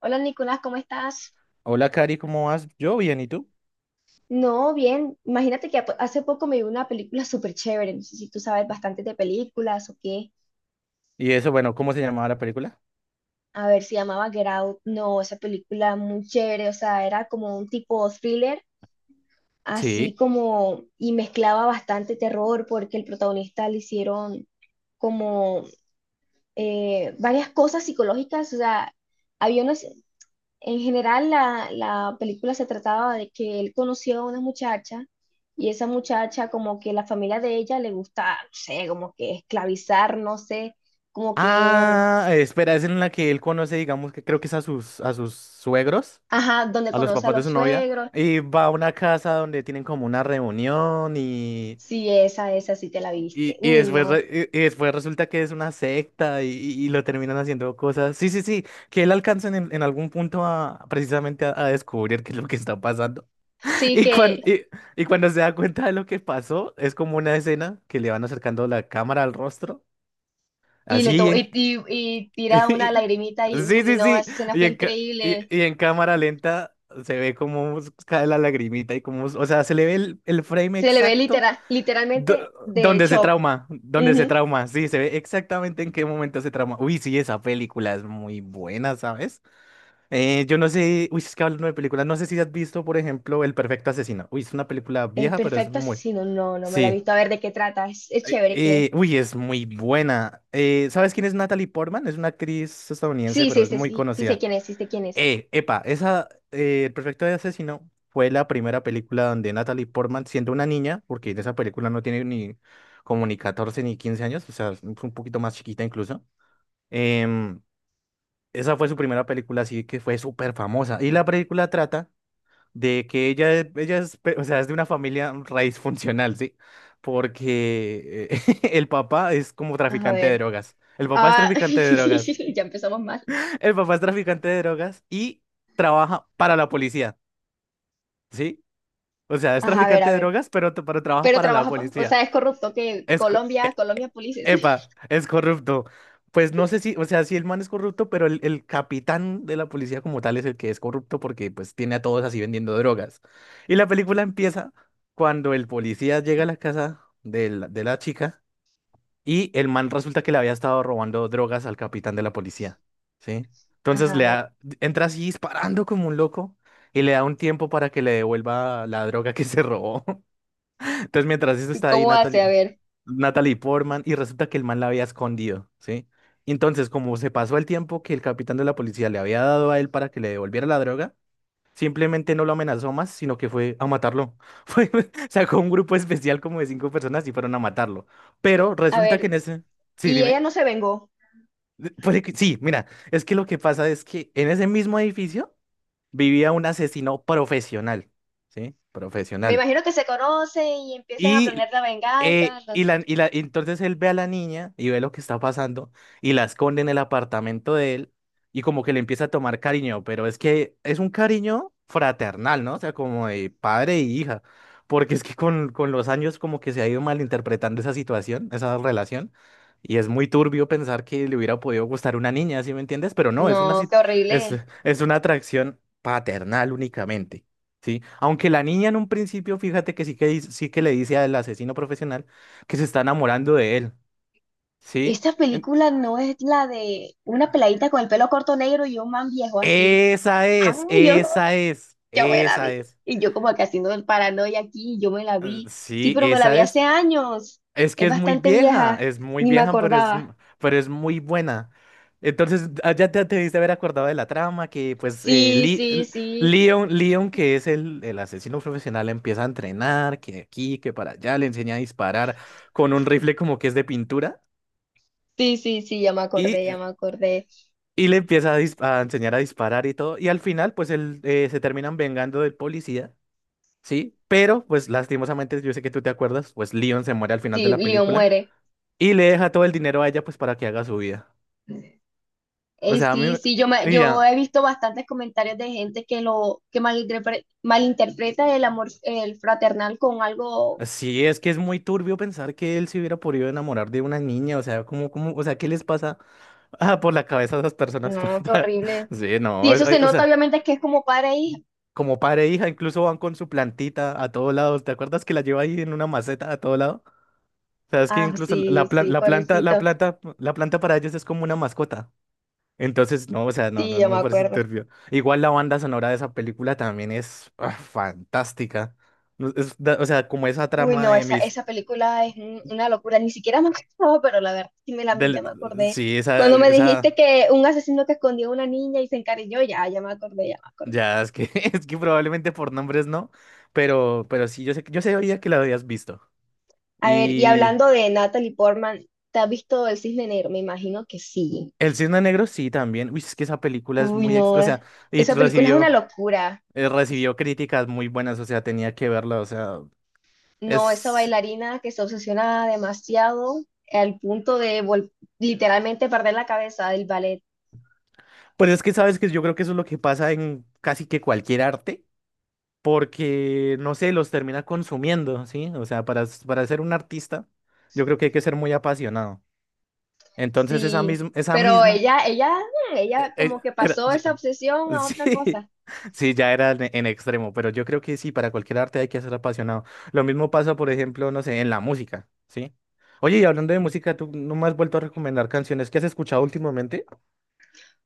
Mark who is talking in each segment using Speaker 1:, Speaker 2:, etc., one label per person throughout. Speaker 1: Hola Nicolás, ¿cómo estás?
Speaker 2: Hola, Cari, ¿cómo vas? Yo bien, ¿y tú?
Speaker 1: No, bien. Imagínate que hace poco me vi una película súper chévere. No sé si tú sabes bastante de películas o qué.
Speaker 2: Y eso, bueno, ¿cómo se llamaba la película?
Speaker 1: A ver, se llamaba Get Out. No, esa película muy chévere. O sea, era como un tipo thriller, así
Speaker 2: Sí.
Speaker 1: como, y mezclaba bastante terror porque el protagonista le hicieron como varias cosas psicológicas. O sea, había unos. En general, la película se trataba de que él conoció a una muchacha y esa muchacha como que la familia de ella le gusta, no sé, como que esclavizar, no sé, como que,
Speaker 2: Ah, espera, es en la que él conoce, digamos, que creo que es a sus suegros,
Speaker 1: ajá, donde
Speaker 2: a los
Speaker 1: conoce a
Speaker 2: papás de
Speaker 1: los
Speaker 2: su novia,
Speaker 1: suegros.
Speaker 2: y va a una casa donde tienen como una reunión
Speaker 1: Sí, esa sí te la viste.
Speaker 2: y
Speaker 1: Uy,
Speaker 2: después,
Speaker 1: no.
Speaker 2: y después resulta que es una secta y lo terminan haciendo cosas. Sí, sí, sí, que él alcanza en algún punto a precisamente a descubrir qué es lo que está pasando.
Speaker 1: Sí
Speaker 2: Y,
Speaker 1: que,
Speaker 2: cuan- y, y cuando se da cuenta de lo que pasó, es como una escena que le van acercando la cámara al rostro,
Speaker 1: y le
Speaker 2: así
Speaker 1: to
Speaker 2: en...
Speaker 1: y, y tira una lagrimita y,
Speaker 2: Sí,
Speaker 1: uy,
Speaker 2: sí,
Speaker 1: no,
Speaker 2: sí.
Speaker 1: esa escena
Speaker 2: Y
Speaker 1: fue
Speaker 2: en, ca-
Speaker 1: increíble.
Speaker 2: y en cámara lenta se ve cómo cae la lagrimita y cómo... O sea, se le ve el frame
Speaker 1: Se le ve
Speaker 2: exacto
Speaker 1: literal,
Speaker 2: do-
Speaker 1: literalmente de
Speaker 2: donde se
Speaker 1: shock.
Speaker 2: trauma, donde se
Speaker 1: Ujú.
Speaker 2: trauma. Sí, se ve exactamente en qué momento se trauma. Uy, sí, esa película es muy buena, ¿sabes? Yo no sé, uy, es que hablando de películas, no sé si has visto, por ejemplo, El Perfecto Asesino. Uy, es una película
Speaker 1: El
Speaker 2: vieja, pero es
Speaker 1: perfecto
Speaker 2: muy...
Speaker 1: asesino, no, no me la he
Speaker 2: Sí.
Speaker 1: visto. A ver de qué trata. Es chévere que...
Speaker 2: Uy, es muy buena. ¿Sabes quién es Natalie Portman? Es una actriz estadounidense,
Speaker 1: Sí,
Speaker 2: pero
Speaker 1: sí,
Speaker 2: es
Speaker 1: sí,
Speaker 2: muy
Speaker 1: sí, sí sé
Speaker 2: conocida.
Speaker 1: quién es, sí sé quién es.
Speaker 2: Epa, esa, El Perfecto de Asesino fue la primera película donde Natalie Portman, siendo una niña, porque en esa película no tiene ni como ni 14 ni 15 años, o sea, es un poquito más chiquita incluso. em, esa fue su primera película, así que fue súper famosa. Y la película trata de que ella, ella es, o sea, es de una familia raíz funcional, ¿sí? Porque el papá es como
Speaker 1: A
Speaker 2: traficante de
Speaker 1: ver.
Speaker 2: drogas. El papá es
Speaker 1: Ah,
Speaker 2: traficante de drogas.
Speaker 1: ya empezamos mal.
Speaker 2: El papá es traficante de drogas y trabaja para la policía, ¿sí? O sea, es
Speaker 1: Ajá, a ver, a
Speaker 2: traficante de
Speaker 1: ver.
Speaker 2: drogas, pero, pero trabaja
Speaker 1: Pero
Speaker 2: para la
Speaker 1: trabaja, o
Speaker 2: policía.
Speaker 1: sea, es corrupto que
Speaker 2: Es, co-
Speaker 1: Colombia,
Speaker 2: e- e-
Speaker 1: Colombia Polices.
Speaker 2: epa, es corrupto. Pues no sé si, o sea, si el man es corrupto, pero el capitán de la policía como tal es el que es corrupto porque pues tiene a todos así vendiendo drogas. Y la película empieza cuando el policía llega a la casa de la chica y el man resulta que le había estado robando drogas al capitán de la policía, ¿sí? Entonces
Speaker 1: Ajá, a
Speaker 2: le
Speaker 1: ver.
Speaker 2: da- entra así disparando como un loco y le da un tiempo para que le devuelva la droga que se robó. Entonces, mientras esto
Speaker 1: ¿Y
Speaker 2: está ahí,
Speaker 1: cómo hace? A
Speaker 2: Natalie,
Speaker 1: ver,
Speaker 2: Natalie Portman, y resulta que el man la había escondido, ¿sí? Entonces, como se pasó el tiempo que el capitán de la policía le había dado a él para que le devolviera la droga, simplemente no lo amenazó más, sino que fue a matarlo. Fue, sacó un grupo especial como de 5 personas y fueron a matarlo. Pero
Speaker 1: a
Speaker 2: resulta que
Speaker 1: ver.
Speaker 2: en ese... Sí,
Speaker 1: Y ella
Speaker 2: dime.
Speaker 1: no se vengó.
Speaker 2: Sí, mira, es que lo que pasa es que en ese mismo edificio vivía un asesino profesional, ¿sí?
Speaker 1: Me
Speaker 2: Profesional.
Speaker 1: imagino que se conoce y empiezan a
Speaker 2: Y,
Speaker 1: planear la venganza. Las...
Speaker 2: entonces él ve a la niña y ve lo que está pasando y la esconde en el apartamento de él y como que le empieza a tomar cariño, pero es que es un cariño fraternal, ¿no? O sea, como de padre e hija, porque es que con los años como que se ha ido malinterpretando esa situación, esa relación, y es muy turbio pensar que le hubiera podido gustar una niña, ¿sí me entiendes? Pero no,
Speaker 1: No, qué
Speaker 2: es,
Speaker 1: horrible.
Speaker 2: es una atracción paternal únicamente. Sí, aunque la niña en un principio, fíjate que sí que sí que le dice al asesino profesional que se está enamorando de él, ¿sí?
Speaker 1: Esta
Speaker 2: En-
Speaker 1: película no es la de una peladita con el pelo corto negro y un man viejo así.
Speaker 2: Esa
Speaker 1: Ay,
Speaker 2: es,
Speaker 1: yo no.
Speaker 2: esa es,
Speaker 1: Yo me la
Speaker 2: esa
Speaker 1: vi.
Speaker 2: es.
Speaker 1: Y yo como que haciendo el paranoia aquí, yo me la vi. Sí,
Speaker 2: Sí,
Speaker 1: pero me la
Speaker 2: esa
Speaker 1: vi
Speaker 2: es.
Speaker 1: hace años.
Speaker 2: Es que
Speaker 1: Es bastante vieja,
Speaker 2: es muy
Speaker 1: ni me
Speaker 2: vieja, pero
Speaker 1: acordaba.
Speaker 2: pero es muy buena. Entonces, ah, ya te diste haber acordado de la trama, que pues
Speaker 1: Sí, sí, sí.
Speaker 2: Leon, Leon, que es el asesino profesional, empieza a entrenar, que aquí, que para allá, le enseña a disparar con un rifle como que es de pintura.
Speaker 1: Sí, sí, sí, ya me
Speaker 2: Y,
Speaker 1: acordé, ya me acordé.
Speaker 2: y le empieza a, a enseñar a disparar y todo. Y al final, pues él se terminan vengando del policía, ¿sí? Pero, pues lastimosamente, yo sé que tú te acuerdas, pues Leon se muere al final de
Speaker 1: Sí,
Speaker 2: la
Speaker 1: Leo
Speaker 2: película
Speaker 1: muere.
Speaker 2: y le deja todo el dinero a ella, pues para que haga su vida. O sea, a mí,
Speaker 1: Sí, sí, yo me,
Speaker 2: y
Speaker 1: yo
Speaker 2: ya,
Speaker 1: he visto bastantes comentarios de gente que lo que malinterpreta el amor el fraternal con algo.
Speaker 2: sí, es que es muy turbio pensar que él se hubiera podido enamorar de una niña. O sea, ¿cómo, cómo, o sea, ¿qué les pasa por la cabeza a esas personas?
Speaker 1: No, qué horrible.
Speaker 2: Sí,
Speaker 1: Sí,
Speaker 2: no,
Speaker 1: eso
Speaker 2: ay,
Speaker 1: se
Speaker 2: o
Speaker 1: nota
Speaker 2: sea.
Speaker 1: obviamente que es como padre e hija.
Speaker 2: Como padre e hija, incluso van con su plantita a todos lados. ¿Te acuerdas que la lleva ahí en una maceta a todos lados? Sabes que
Speaker 1: Ah,
Speaker 2: incluso
Speaker 1: sí, sí,
Speaker 2: la planta, la
Speaker 1: pobrecito.
Speaker 2: planta, la planta para ellos es como una mascota. Entonces, no, o sea, no,
Speaker 1: Sí,
Speaker 2: no,
Speaker 1: ya
Speaker 2: no
Speaker 1: me
Speaker 2: me parece
Speaker 1: acuerdo.
Speaker 2: turbio. Igual la banda sonora de esa película también es fantástica. No, o sea, como esa
Speaker 1: Uy,
Speaker 2: trama
Speaker 1: no,
Speaker 2: de
Speaker 1: esa,
Speaker 2: mis,
Speaker 1: esa película es una locura, ni siquiera me acordaba, pero la verdad sí me la vi, ya
Speaker 2: del,
Speaker 1: me acordé.
Speaker 2: sí, esa,
Speaker 1: Cuando me dijiste
Speaker 2: esa,
Speaker 1: que un asesino que escondió a una niña y se encariñó, ya, ya me acordé, ya me acordé.
Speaker 2: ya es que, es que probablemente por nombres no, pero sí, yo sé, yo sabía que la habías visto.
Speaker 1: A ver, y
Speaker 2: Y
Speaker 1: hablando de Natalie Portman, ¿te has visto El Cisne Negro? Me imagino que sí.
Speaker 2: El Cisne Negro sí también. Uy, es que esa película es
Speaker 1: Uy, no,
Speaker 2: o sea, y
Speaker 1: esa película es una
Speaker 2: recibió.
Speaker 1: locura.
Speaker 2: Recibió críticas muy buenas, o sea, tenía que verla, o sea,
Speaker 1: No, esa
Speaker 2: es...
Speaker 1: bailarina que se obsesiona demasiado al punto de literalmente perder la cabeza del ballet.
Speaker 2: Pues es que sabes que yo creo que eso es lo que pasa en casi que cualquier arte, porque, no sé, los termina consumiendo, ¿sí? O sea, para ser un artista, yo creo que hay que ser muy apasionado. Entonces,
Speaker 1: Sí,
Speaker 2: esa
Speaker 1: pero
Speaker 2: misma,
Speaker 1: ella,
Speaker 2: eh,
Speaker 1: ella
Speaker 2: eh,
Speaker 1: como que
Speaker 2: era-
Speaker 1: pasó esa obsesión a otra
Speaker 2: Sí,
Speaker 1: cosa.
Speaker 2: sí, ya era en extremo, pero yo creo que sí, para cualquier arte hay que ser apasionado. Lo mismo pasa, por ejemplo, no sé, en la música, ¿sí? Oye, y hablando de música, tú no me has vuelto a recomendar canciones que has escuchado últimamente.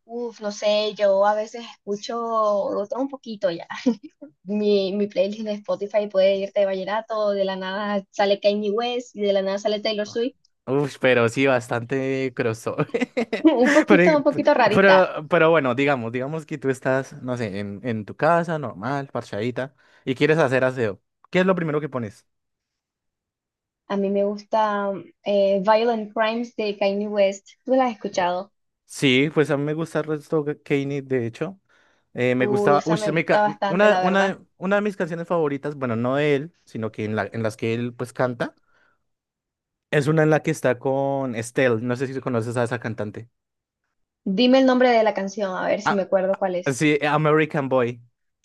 Speaker 1: Uf, no sé, yo a veces escucho otro un poquito ya. Mi playlist de Spotify puede irte de vallenato, de la nada sale Kanye West y de la nada sale Taylor Swift.
Speaker 2: Uf, pero sí, bastante crossover.
Speaker 1: Un
Speaker 2: Pero,
Speaker 1: poquito rarita.
Speaker 2: pero bueno, digamos, digamos que tú estás, no sé, en tu casa, normal, parchadita, y quieres hacer aseo. ¿Qué es lo primero que pones?
Speaker 1: A mí me gusta Violent Crimes de Kanye West. ¿Tú la has escuchado?
Speaker 2: Sí, pues a mí me gusta Redstone Kanye, de hecho. Me
Speaker 1: Uy,
Speaker 2: gustaba, uy,
Speaker 1: esa me gusta bastante, la verdad.
Speaker 2: una de mis canciones favoritas, bueno, no de él, sino que en las que él pues canta, es una en la que está con Estelle, no sé si conoces a esa cantante.
Speaker 1: Dime el nombre de la canción, a ver si me
Speaker 2: Ah,
Speaker 1: acuerdo cuál es.
Speaker 2: sí, American Boy.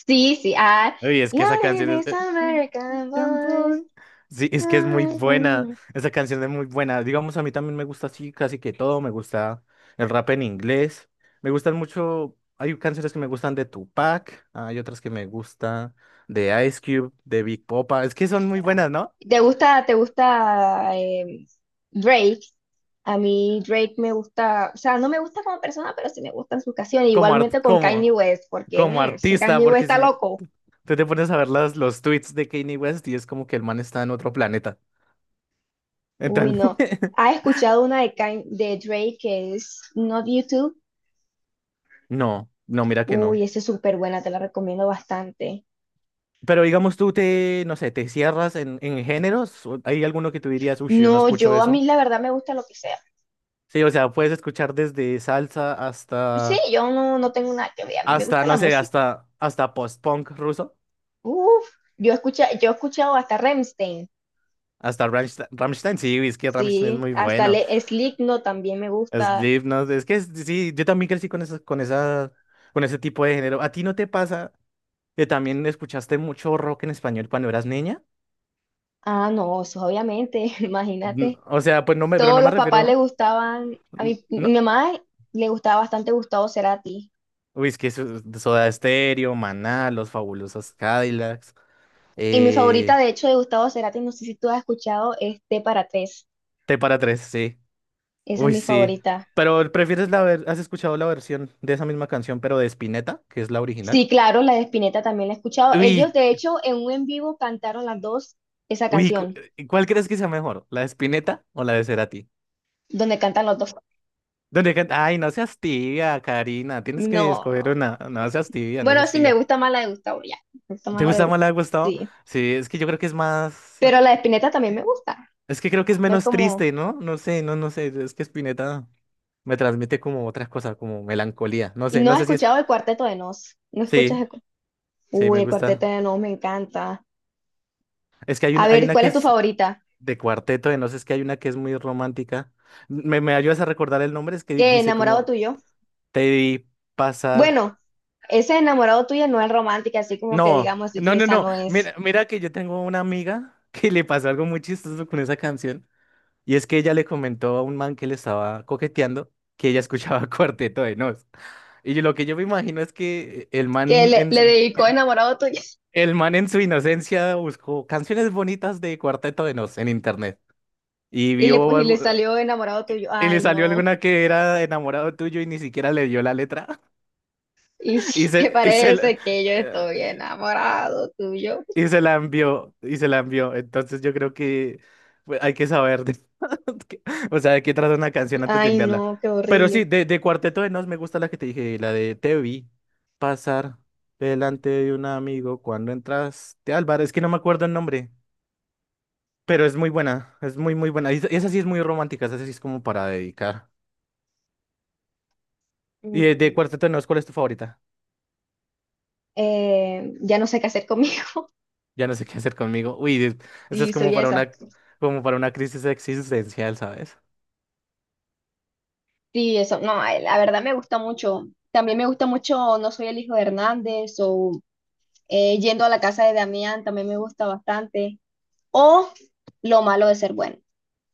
Speaker 1: Sí, sí, ah,
Speaker 2: Uy, es que esa
Speaker 1: Love
Speaker 2: canción es...
Speaker 1: is American
Speaker 2: Young
Speaker 1: Boy.
Speaker 2: boy. Sí, es que es muy
Speaker 1: American
Speaker 2: buena.
Speaker 1: Boy.
Speaker 2: Esa canción es muy buena. Digamos, a mí también me gusta así casi que todo. Me gusta el rap en inglés. Me gustan mucho... Hay canciones que me gustan de Tupac. Hay otras que me gustan de Ice Cube, de Big Popa. Es que son muy buenas, ¿no?
Speaker 1: Te gusta Drake? A mí Drake me gusta, o sea, no me gusta como persona, pero sí me gustan sus canciones.
Speaker 2: Como, art-
Speaker 1: Igualmente con
Speaker 2: como,
Speaker 1: Kanye West, porque
Speaker 2: como
Speaker 1: ese
Speaker 2: artista,
Speaker 1: Kanye West
Speaker 2: porque
Speaker 1: está
Speaker 2: si
Speaker 1: loco.
Speaker 2: tú te pones a ver las, los tweets de Kanye West y es como que el man está en otro planeta.
Speaker 1: Uy,
Speaker 2: Entonces,
Speaker 1: no. ¿Has escuchado una de, de Drake que es Not YouTube?
Speaker 2: no, no, mira que
Speaker 1: Uy,
Speaker 2: no.
Speaker 1: esa es súper buena, te la recomiendo bastante.
Speaker 2: Pero digamos tú te, no sé, te cierras en géneros. ¿O ¿Hay alguno que tú dirías, uy, yo no
Speaker 1: No,
Speaker 2: escucho
Speaker 1: yo a mí
Speaker 2: eso?
Speaker 1: la verdad me gusta lo que sea.
Speaker 2: Sí, o sea, puedes escuchar desde salsa
Speaker 1: Sí,
Speaker 2: hasta,
Speaker 1: yo no, no tengo nada que ver, a mí me
Speaker 2: hasta,
Speaker 1: gusta la
Speaker 2: no sé,
Speaker 1: música.
Speaker 2: hasta post-punk ruso,
Speaker 1: Uf, yo escucha, yo he escuchado hasta Rammstein,
Speaker 2: hasta Rammstein. Rammstein, sí, es que Rammstein es
Speaker 1: sí,
Speaker 2: muy
Speaker 1: hasta
Speaker 2: bueno.
Speaker 1: Le Slipknot también me gusta.
Speaker 2: Slipknot, es que sí, yo también crecí con esa, con esa, con ese tipo de género. ¿A ti no te pasa que también escuchaste mucho rock en español cuando eras niña?
Speaker 1: Ah, no, eso obviamente, imagínate.
Speaker 2: O sea, pues no me, pero no
Speaker 1: Todos
Speaker 2: me
Speaker 1: los papás le
Speaker 2: refiero.
Speaker 1: gustaban, a mi
Speaker 2: No,
Speaker 1: mamá le gustaba bastante Gustavo Cerati.
Speaker 2: uy, es que Soda Stereo, Maná, Los Fabulosos Cadillacs,
Speaker 1: Y mi favorita,
Speaker 2: eh,
Speaker 1: de hecho, de Gustavo Cerati, no sé si tú has escuchado, es T para tres.
Speaker 2: T para tres, sí.
Speaker 1: Esa es
Speaker 2: Uy,
Speaker 1: mi
Speaker 2: sí.
Speaker 1: favorita.
Speaker 2: Pero ¿prefieres has escuchado la versión de esa misma canción, pero de Spinetta, que es la original?
Speaker 1: Sí, claro, la de Spinetta también la he escuchado. Ellos,
Speaker 2: Uy,
Speaker 1: de hecho, en un en vivo cantaron las dos esa
Speaker 2: uy, cu-
Speaker 1: canción,
Speaker 2: ¿cuál crees que sea mejor? ¿La de Spinetta o la de Cerati?
Speaker 1: donde cantan los dos.
Speaker 2: Ay, no seas tibia, Karina. Tienes que
Speaker 1: No, no,
Speaker 2: escoger
Speaker 1: no.
Speaker 2: una. No seas tibia, no
Speaker 1: Bueno,
Speaker 2: seas
Speaker 1: sí, me
Speaker 2: tibia.
Speaker 1: gusta más la de Gustavo, ya. Me gusta más
Speaker 2: ¿Te
Speaker 1: la de
Speaker 2: gusta más la de
Speaker 1: Gustavo,
Speaker 2: Gustavo?
Speaker 1: sí.
Speaker 2: Sí, es que yo creo que es más.
Speaker 1: Pero la de Spinetta también me gusta.
Speaker 2: Es que creo que es
Speaker 1: No es
Speaker 2: menos
Speaker 1: como...
Speaker 2: triste, ¿no? No sé, no, no sé. Es que Spinetta. Me transmite como otras cosas, como melancolía. No
Speaker 1: Y
Speaker 2: sé, no
Speaker 1: no he
Speaker 2: sé si es.
Speaker 1: escuchado el Cuarteto de Nos. No escuchas
Speaker 2: Sí,
Speaker 1: el... cu-
Speaker 2: sí,
Speaker 1: Uy,
Speaker 2: me
Speaker 1: el Cuarteto
Speaker 2: gusta.
Speaker 1: de Nos me encanta.
Speaker 2: Es que
Speaker 1: A
Speaker 2: hay
Speaker 1: ver,
Speaker 2: una
Speaker 1: ¿cuál
Speaker 2: que
Speaker 1: es tu
Speaker 2: es
Speaker 1: favorita?
Speaker 2: de cuarteto, de no sé, es que hay una que es muy romántica. ¿Me, me ayudas a recordar el nombre? Es que
Speaker 1: ¿Qué,
Speaker 2: dice
Speaker 1: enamorado
Speaker 2: como
Speaker 1: tuyo?
Speaker 2: te vi pasar.
Speaker 1: Bueno, ese enamorado tuyo no es romántica, así como que
Speaker 2: No,
Speaker 1: digamos,
Speaker 2: no, no,
Speaker 1: esa
Speaker 2: no.
Speaker 1: no es.
Speaker 2: Mira, mira que yo tengo una amiga que le pasó algo muy chistoso con esa canción. Y es que ella le comentó a un man que le estaba coqueteando que ella escuchaba Cuarteto de Nos. Lo que yo me imagino es que
Speaker 1: Que le, le dedicó enamorado tuyo.
Speaker 2: el man en su inocencia buscó canciones bonitas de Cuarteto de Nos en internet y
Speaker 1: Y le,
Speaker 2: vio
Speaker 1: pues, y le
Speaker 2: algo
Speaker 1: salió enamorado tuyo.
Speaker 2: y le
Speaker 1: Ay,
Speaker 2: salió
Speaker 1: no.
Speaker 2: alguna que era enamorado tuyo y ni siquiera le dio la letra
Speaker 1: ¿Y
Speaker 2: y
Speaker 1: si te
Speaker 2: se y se la,
Speaker 1: parece que yo
Speaker 2: eh,
Speaker 1: estoy enamorado tuyo?
Speaker 2: y se la envió y se la envió. Entonces yo creo que pues, hay que que- o sea, de qué trata una canción antes de
Speaker 1: Ay,
Speaker 2: enviarla.
Speaker 1: no, qué
Speaker 2: Pero sí,
Speaker 1: horrible.
Speaker 2: de Cuarteto de Nos me gusta la que te dije, la de Te vi pasar delante de un amigo cuando entraste, Álvaro, es que no me acuerdo el nombre. Pero es muy buena, es muy, muy buena. Esa sí es muy romántica, esa sí es como para dedicar. Y de
Speaker 1: Mm,
Speaker 2: Cuarteto de Nos, ¿cuál es tu favorita?
Speaker 1: ya no sé qué hacer conmigo.
Speaker 2: Ya no sé qué hacer conmigo. Esa es
Speaker 1: Y soy esa.
Speaker 2: como para una crisis existencial, ¿sabes?
Speaker 1: Sí, eso. No, la verdad me gusta mucho. También me gusta mucho No soy el hijo de Hernández o Yendo a la casa de Damián también me gusta bastante. O Lo malo de ser bueno.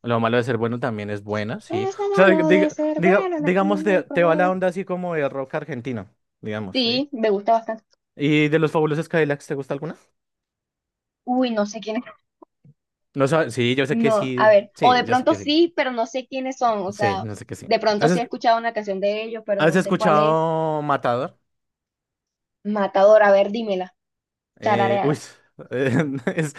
Speaker 2: Lo malo de ser bueno también es buena, sí.
Speaker 1: Es lo
Speaker 2: O sea,
Speaker 1: malo de ser bueno en este
Speaker 2: digamos, te,
Speaker 1: mundo
Speaker 2: te va la
Speaker 1: cruel.
Speaker 2: onda así como de rock argentino, digamos, ¿sí?
Speaker 1: Sí, me gusta bastante.
Speaker 2: ¿Y de los Fabulosos Cadillacs, te gusta alguna?
Speaker 1: Uy, no sé quiénes.
Speaker 2: No sabes, sí, yo sé que
Speaker 1: No, a
Speaker 2: sí,
Speaker 1: ver. O
Speaker 2: sí,
Speaker 1: de
Speaker 2: yo sé
Speaker 1: pronto
Speaker 2: que sí.
Speaker 1: sí, pero no sé quiénes son. O
Speaker 2: Sí,
Speaker 1: sea,
Speaker 2: no sé que sí.
Speaker 1: de pronto
Speaker 2: ¿Has,
Speaker 1: sí he
Speaker 2: esc-
Speaker 1: escuchado una canción de ellos, pero
Speaker 2: ¿has
Speaker 1: no sé cuál es.
Speaker 2: escuchado Matador?
Speaker 1: Matador, a ver, dímela.
Speaker 2: Eh, uy,
Speaker 1: Tararéala.
Speaker 2: eh, es,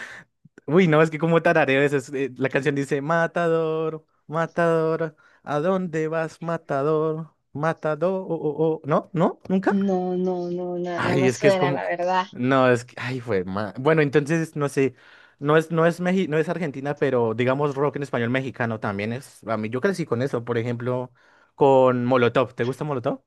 Speaker 2: uy, no, es que como tarareo la canción dice, Matador, Matador, ¿a dónde vas, Matador? Matador, oh, oh, oh". ¿No? ¿No? ¿Nunca?
Speaker 1: No, no, no, no, no
Speaker 2: Ay,
Speaker 1: me
Speaker 2: es que es
Speaker 1: suena,
Speaker 2: como,
Speaker 1: la verdad.
Speaker 2: no, es que, ay, bueno, entonces, no sé, no es, no es Argentina, pero digamos rock en español mexicano también es, a mí yo crecí con eso, por ejemplo, con Molotov, ¿te gusta Molotov?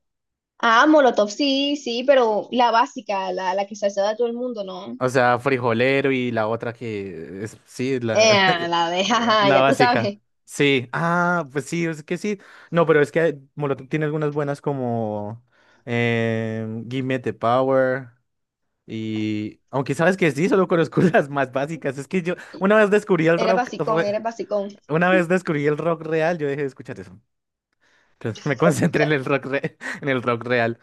Speaker 1: Ah, Molotov, sí, sí, pero la básica, la que se hace a todo el mundo, ¿no?
Speaker 2: O sea, frijolero y la otra que es, sí, la,
Speaker 1: La de, jaja,
Speaker 2: la
Speaker 1: ya tú
Speaker 2: básica.
Speaker 1: sabes,
Speaker 2: Sí, ah, pues sí, es que sí. No, pero es que Molotov tiene algunas buenas como Give Me the Power y... Aunque sabes que sí, solo conozco las más básicas. Es que yo
Speaker 1: era basicón, era basicón.
Speaker 2: una vez descubrí el rock real, yo dejé de escuchar eso. Entonces me concentré en en el rock real.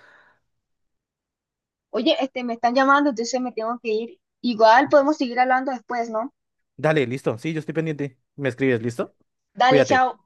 Speaker 1: Oye, este, me están llamando, entonces me tengo que ir. Igual podemos seguir hablando después, ¿no?
Speaker 2: Dale, listo, sí, yo estoy pendiente. Me escribes, ¿listo?
Speaker 1: Dale,
Speaker 2: Cuídate.
Speaker 1: chao.